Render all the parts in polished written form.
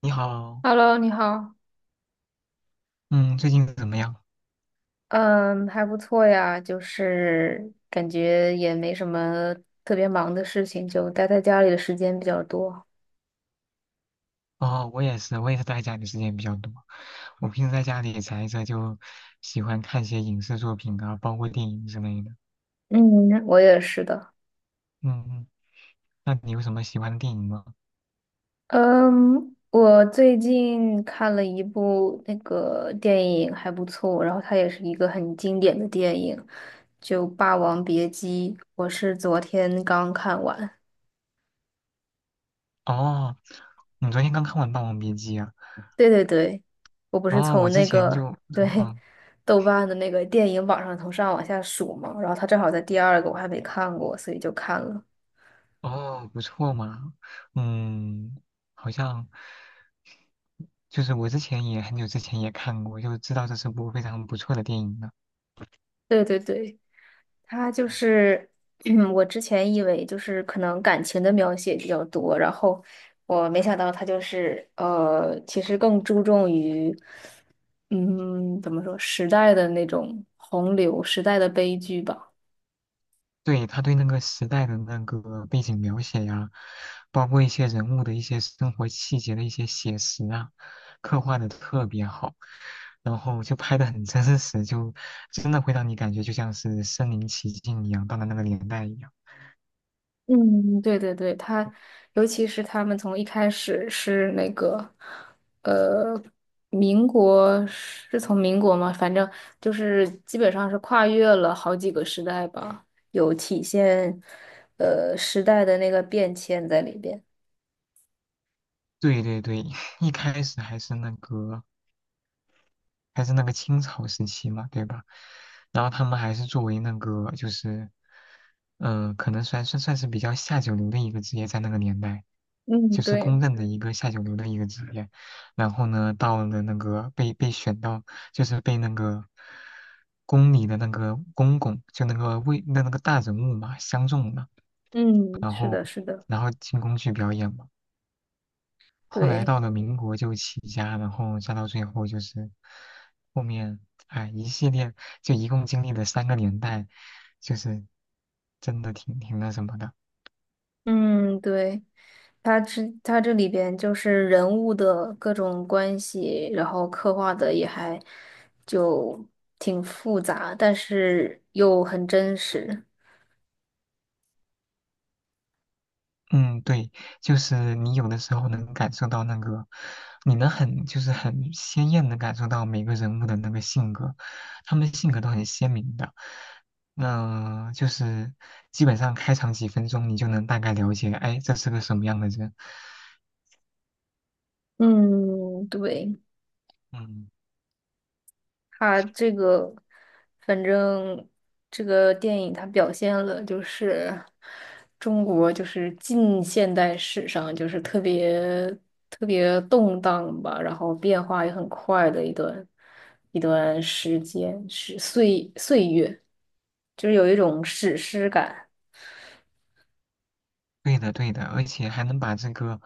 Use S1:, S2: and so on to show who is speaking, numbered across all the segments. S1: 你好，
S2: Hello，你好。
S1: 嗯，最近怎么样？
S2: 嗯，还不错呀，就是感觉也没什么特别忙的事情，就待在家里的时间比较多。
S1: 哦，我也是，待家里时间比较多。我平时在家里宅着，就喜欢看些影视作品啊，包括电影之类的。
S2: 嗯，我也是的。
S1: 嗯嗯，那你有什么喜欢的电影吗？
S2: 嗯，我最近看了一部那个电影，还不错，然后它也是一个很经典的电影，就《霸王别姬》，我是昨天刚看完。
S1: 哦，你昨天刚看完《霸王别姬》啊？
S2: 对对对，我不是
S1: 哦，我
S2: 从
S1: 之
S2: 那
S1: 前
S2: 个
S1: 就，
S2: 对
S1: 嗯，
S2: 豆瓣的那个电影榜上从上往下数嘛，然后它正好在第二个，我还没看过，所以就看了。
S1: 哦，哦不错嘛，嗯，好像就是我之前也很久之前也看过，就知道这是部非常不错的电影了。
S2: 对对对，它就
S1: 嗯
S2: 是 我之前以为就是可能感情的描写比较多，然后我没想到它就是其实更注重于嗯，怎么说时代的那种洪流，时代的悲剧吧。
S1: 对，他对那个时代的那个背景描写呀，包括一些人物的一些生活细节的一些写实啊，刻画的特别好，然后就拍的很真实，就真的会让你感觉就像是身临其境一样，到了那个年代一样。
S2: 嗯，对对对，他，尤其是他们从一开始是那个，呃，民国是从民国嘛，反正就是基本上是跨越了好几个时代吧，有体现，时代的那个变迁在里边。
S1: 对对对，一开始还是那个清朝时期嘛，对吧？然后他们还是作为那个就是，可能算是比较下九流的一个职业，在那个年代，
S2: 嗯，
S1: 就是公
S2: 对，
S1: 认的一个下九流的一个职业。然后呢，到了那个被选到，就是被那个宫里的那个公公，就那个位那个大人物嘛，相中了，
S2: 嗯，
S1: 然
S2: 是
S1: 后
S2: 的，是的，
S1: 进宫去表演嘛。后来
S2: 对。
S1: 到了民国就起家，然后再到最后就是后面，哎，一系列就一共经历了三个年代，就是真的挺那什么的。
S2: 嗯，对，它这里边就是人物的各种关系，然后刻画的也还就挺复杂，但是又很真实。
S1: 嗯，对，就是你有的时候能感受到那个，你能很就是很鲜艳的感受到每个人物的那个性格，他们性格都很鲜明的。那就是基本上开场几分钟，你就能大概了解，哎，这是个什么样的人。
S2: 嗯，对。
S1: 嗯。
S2: 它这个，反正这个电影它表现了就是中国就是近现代史上就是特别特别动荡吧，然后变化也很快的一段时间，是岁岁月，就是有一种史诗感。
S1: 对的，对的，而且还能把这个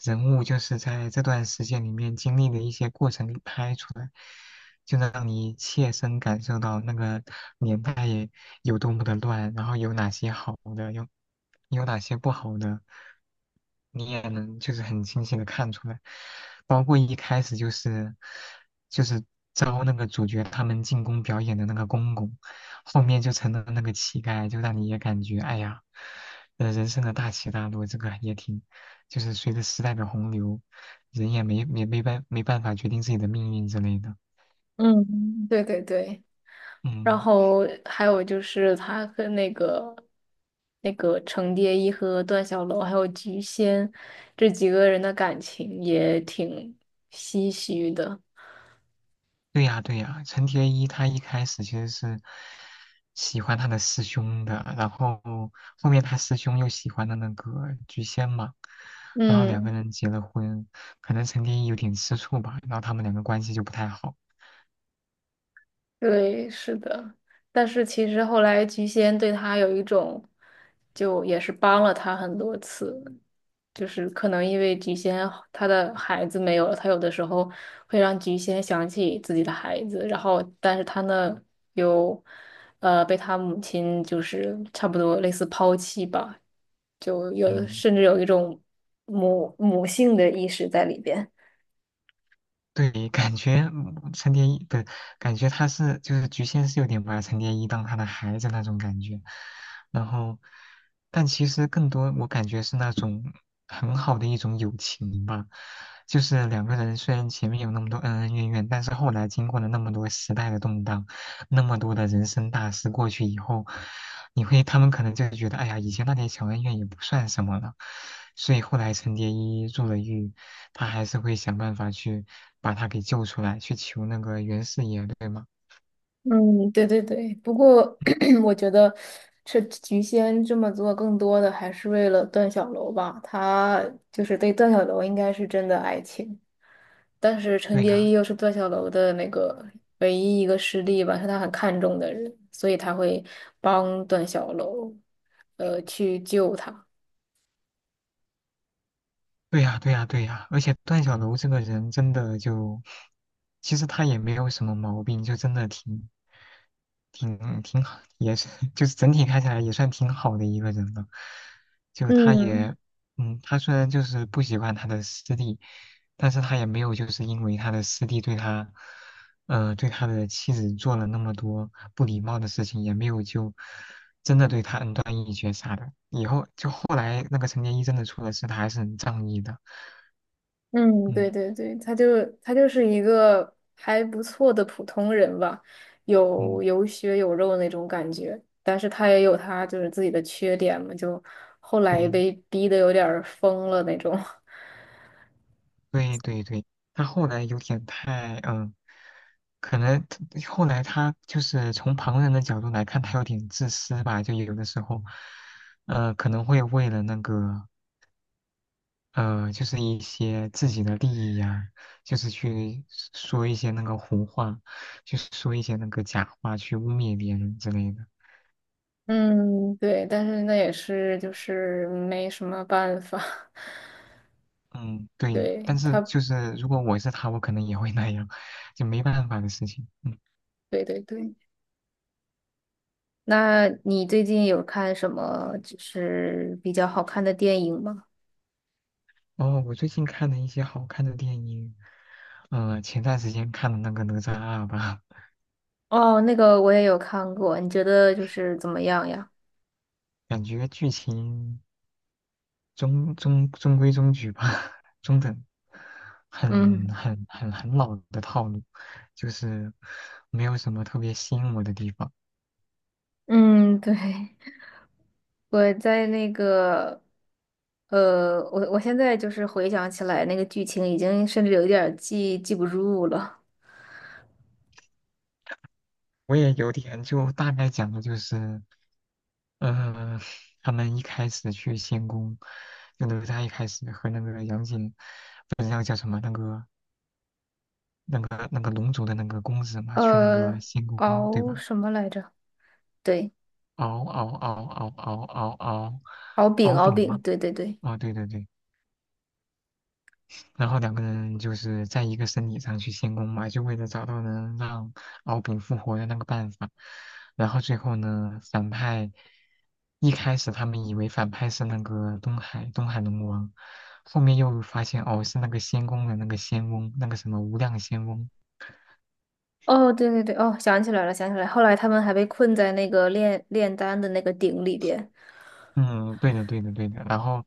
S1: 人物就是在这段时间里面经历的一些过程给拍出来，就能让你切身感受到那个年代有多么的乱，然后有哪些好的，有哪些不好的，你也能就是很清晰的看出来。包括一开始就是就是招那个主角他们进宫表演的那个公公，后面就成了那个乞丐，就让你也感觉哎呀，呃，人生的大起大落，这个也挺，就是随着时代的洪流，人也没办法决定自己的命运之类的，
S2: 嗯，对对对。然
S1: 嗯。
S2: 后还有就是他跟那个程蝶衣和段小楼还有菊仙这几个人的感情也挺唏嘘的。
S1: 对呀，对呀，陈蝶衣他一开始其实是喜欢他的师兄的，然后后面他师兄又喜欢了那个菊仙嘛，然后两个
S2: 嗯，
S1: 人结了婚，可能陈蝶衣有点吃醋吧，然后他们两个关系就不太好。
S2: 对，是的。但是其实后来菊仙对他有一种，就也是帮了他很多次，就是可能因为菊仙她的孩子没有了，她有的时候会让菊仙想起自己的孩子，然后但是她呢又被她母亲就是差不多类似抛弃吧，就有
S1: 嗯，
S2: 甚至有一种母性的意识在里边。
S1: 对，感觉嗯陈蝶衣不是感觉他是就是菊仙是有点把陈蝶衣当他的孩子那种感觉，然后，但其实更多我感觉是那种很好的一种友情吧，就是两个人虽然前面有那么多恩恩怨怨，但是后来经过了那么多时代的动荡，那么多的人生大事过去以后，你会他们可能就觉得，哎呀，以前那点小恩怨也不算什么了，所以后来陈蝶衣入了狱，他还是会想办法去把他给救出来，去求那个袁四爷，对吗？
S2: 嗯，对对对。不过 我觉得这菊仙这么做，更多的还是为了段小楼吧。他就是对段小楼应该是真的爱情，但是陈
S1: 对
S2: 蝶衣
S1: 呀、
S2: 又是段小楼的那个唯一一个师弟吧，是他很看重的人，所以他会帮段小楼，去救他。
S1: 对呀，对呀，对呀，而且段小楼这个人真的就，其实他也没有什么毛病，就真的挺好，也是 就是整体看起来也算挺好的一个人了。就他
S2: 嗯。
S1: 也，嗯，他虽然就是不喜欢他的师弟，但是他也没有就是因为他的师弟对他，呃，对他的妻子做了那么多不礼貌的事情，也没有就真的对他恩断义绝啥的。以后就后来那个陈蝶衣真的出了事，他还是很仗义的。
S2: 嗯，对
S1: 嗯
S2: 对对，他就是一个还不错的普通人吧，有
S1: 嗯，
S2: 有血有肉那种感觉，但是他也有他就是自己的缺点嘛，就后来
S1: 对
S2: 被逼得有点儿疯了那种。
S1: 对对对，他后来有点太嗯，可能他后来他就是从旁人的角度来看，他有点自私吧，就有的时候，呃，可能会为了那个就是一些自己的利益呀、就是去说一些那个胡话，就是说一些那个假话，去污蔑别人之类的。
S2: 嗯，对，但是那也是就是没什么办法。
S1: 嗯，对，
S2: 对
S1: 但是
S2: 他，
S1: 就是如果我是他，我可能也会那样，就没办法的事情。
S2: 对对对。那你最近有看什么就是比较好看的电影吗？
S1: 哦，我最近看了一些好看的电影，呃，前段时间看的那个《哪吒二》吧，
S2: 哦，那个我也有看过，你觉得就是怎么样呀？
S1: 感觉剧情中规中矩吧，中等，很
S2: 嗯。
S1: 很很很老的套路，就是没有什么特别吸引我的地方。
S2: 嗯，对，我在那个，我现在就是回想起来那个剧情，已经甚至有一点儿记不住了。
S1: 我也有点就大概讲的就是，呃，他们一开始去仙宫，就哪吒一开始和那个杨戬，不知道叫什么那个那个龙族的那个公子嘛，去那个
S2: 呃，
S1: 仙宫，对
S2: 敖
S1: 吧？
S2: 什么来着？对，
S1: 敖敖敖敖敖敖敖
S2: 敖丙，
S1: 敖
S2: 敖
S1: 丙
S2: 丙，
S1: 嘛，
S2: 对对对。
S1: 哦，对对对，然后两个人就是在一个身体上去仙宫嘛，就为了找到能让敖丙复活的那个办法。然后最后呢，反派一开始他们以为反派是那个东海龙王，后面又发现哦是那个仙宫的那个仙翁，那个什么无量仙翁。
S2: 哦，对对对，哦，想起来了，想起来了。后来他们还被困在那个炼丹的那个鼎里边。
S1: 嗯，对的，对的，对的。然后，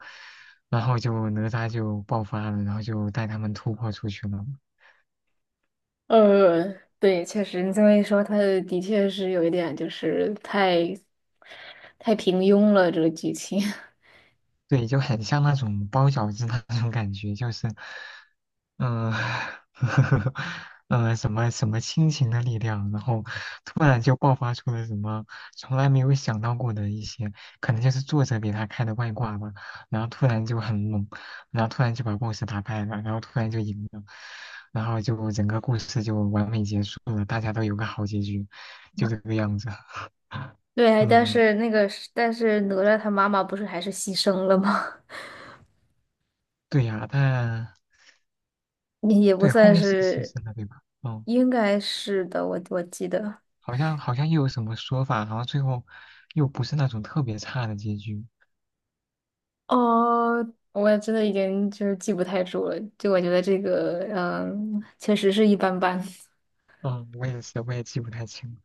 S1: 然后就哪吒就爆发了，然后就带他们突破出去了。
S2: 呃，对，确实，你这么一说，他的确是有一点，就是太平庸了，这个剧情。
S1: 对，就很像那种包饺子那种感觉，就是嗯，什么什么亲情的力量，然后突然就爆发出了什么从来没有想到过的一些，可能就是作者给他开的外挂吧，然后突然就很猛，然后突然就把故事打败了，然后突然就赢了，然后就整个故事就完美结束了，大家都有个好结局，就这个样子。
S2: 对，但
S1: 嗯，
S2: 是那个是但是哪吒他妈妈不是还是牺牲了吗？
S1: 对呀，但
S2: 也不
S1: 对后
S2: 算
S1: 面是牺
S2: 是，
S1: 牲了，对吧？嗯。
S2: 应该是的，我记得。
S1: 好像又有什么说法，然后最后又不是那种特别差的结局。
S2: 哦，我也真的已经就是记不太住了，就我觉得这个，嗯，确实是一般般。
S1: 嗯，我也是，我也记不太清了。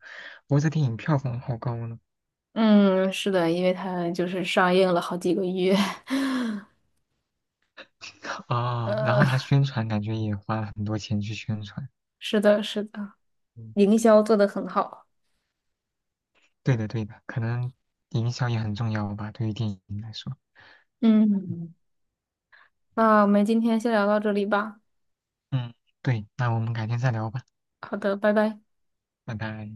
S1: 不过这电影票房好高呢。
S2: 嗯，是的，因为它就是上映了好几个月，
S1: 啊、然后
S2: 呃，
S1: 他宣传感觉也花了很多钱去宣传。
S2: 是的，是的，
S1: 嗯，
S2: 营销做得很好。
S1: 对的对的，可能营销也很重要吧，对于电影来说。
S2: 嗯，那我们今天先聊到这里吧。
S1: 嗯，对，那我们改天再聊吧，
S2: 好的，拜拜。
S1: 拜拜。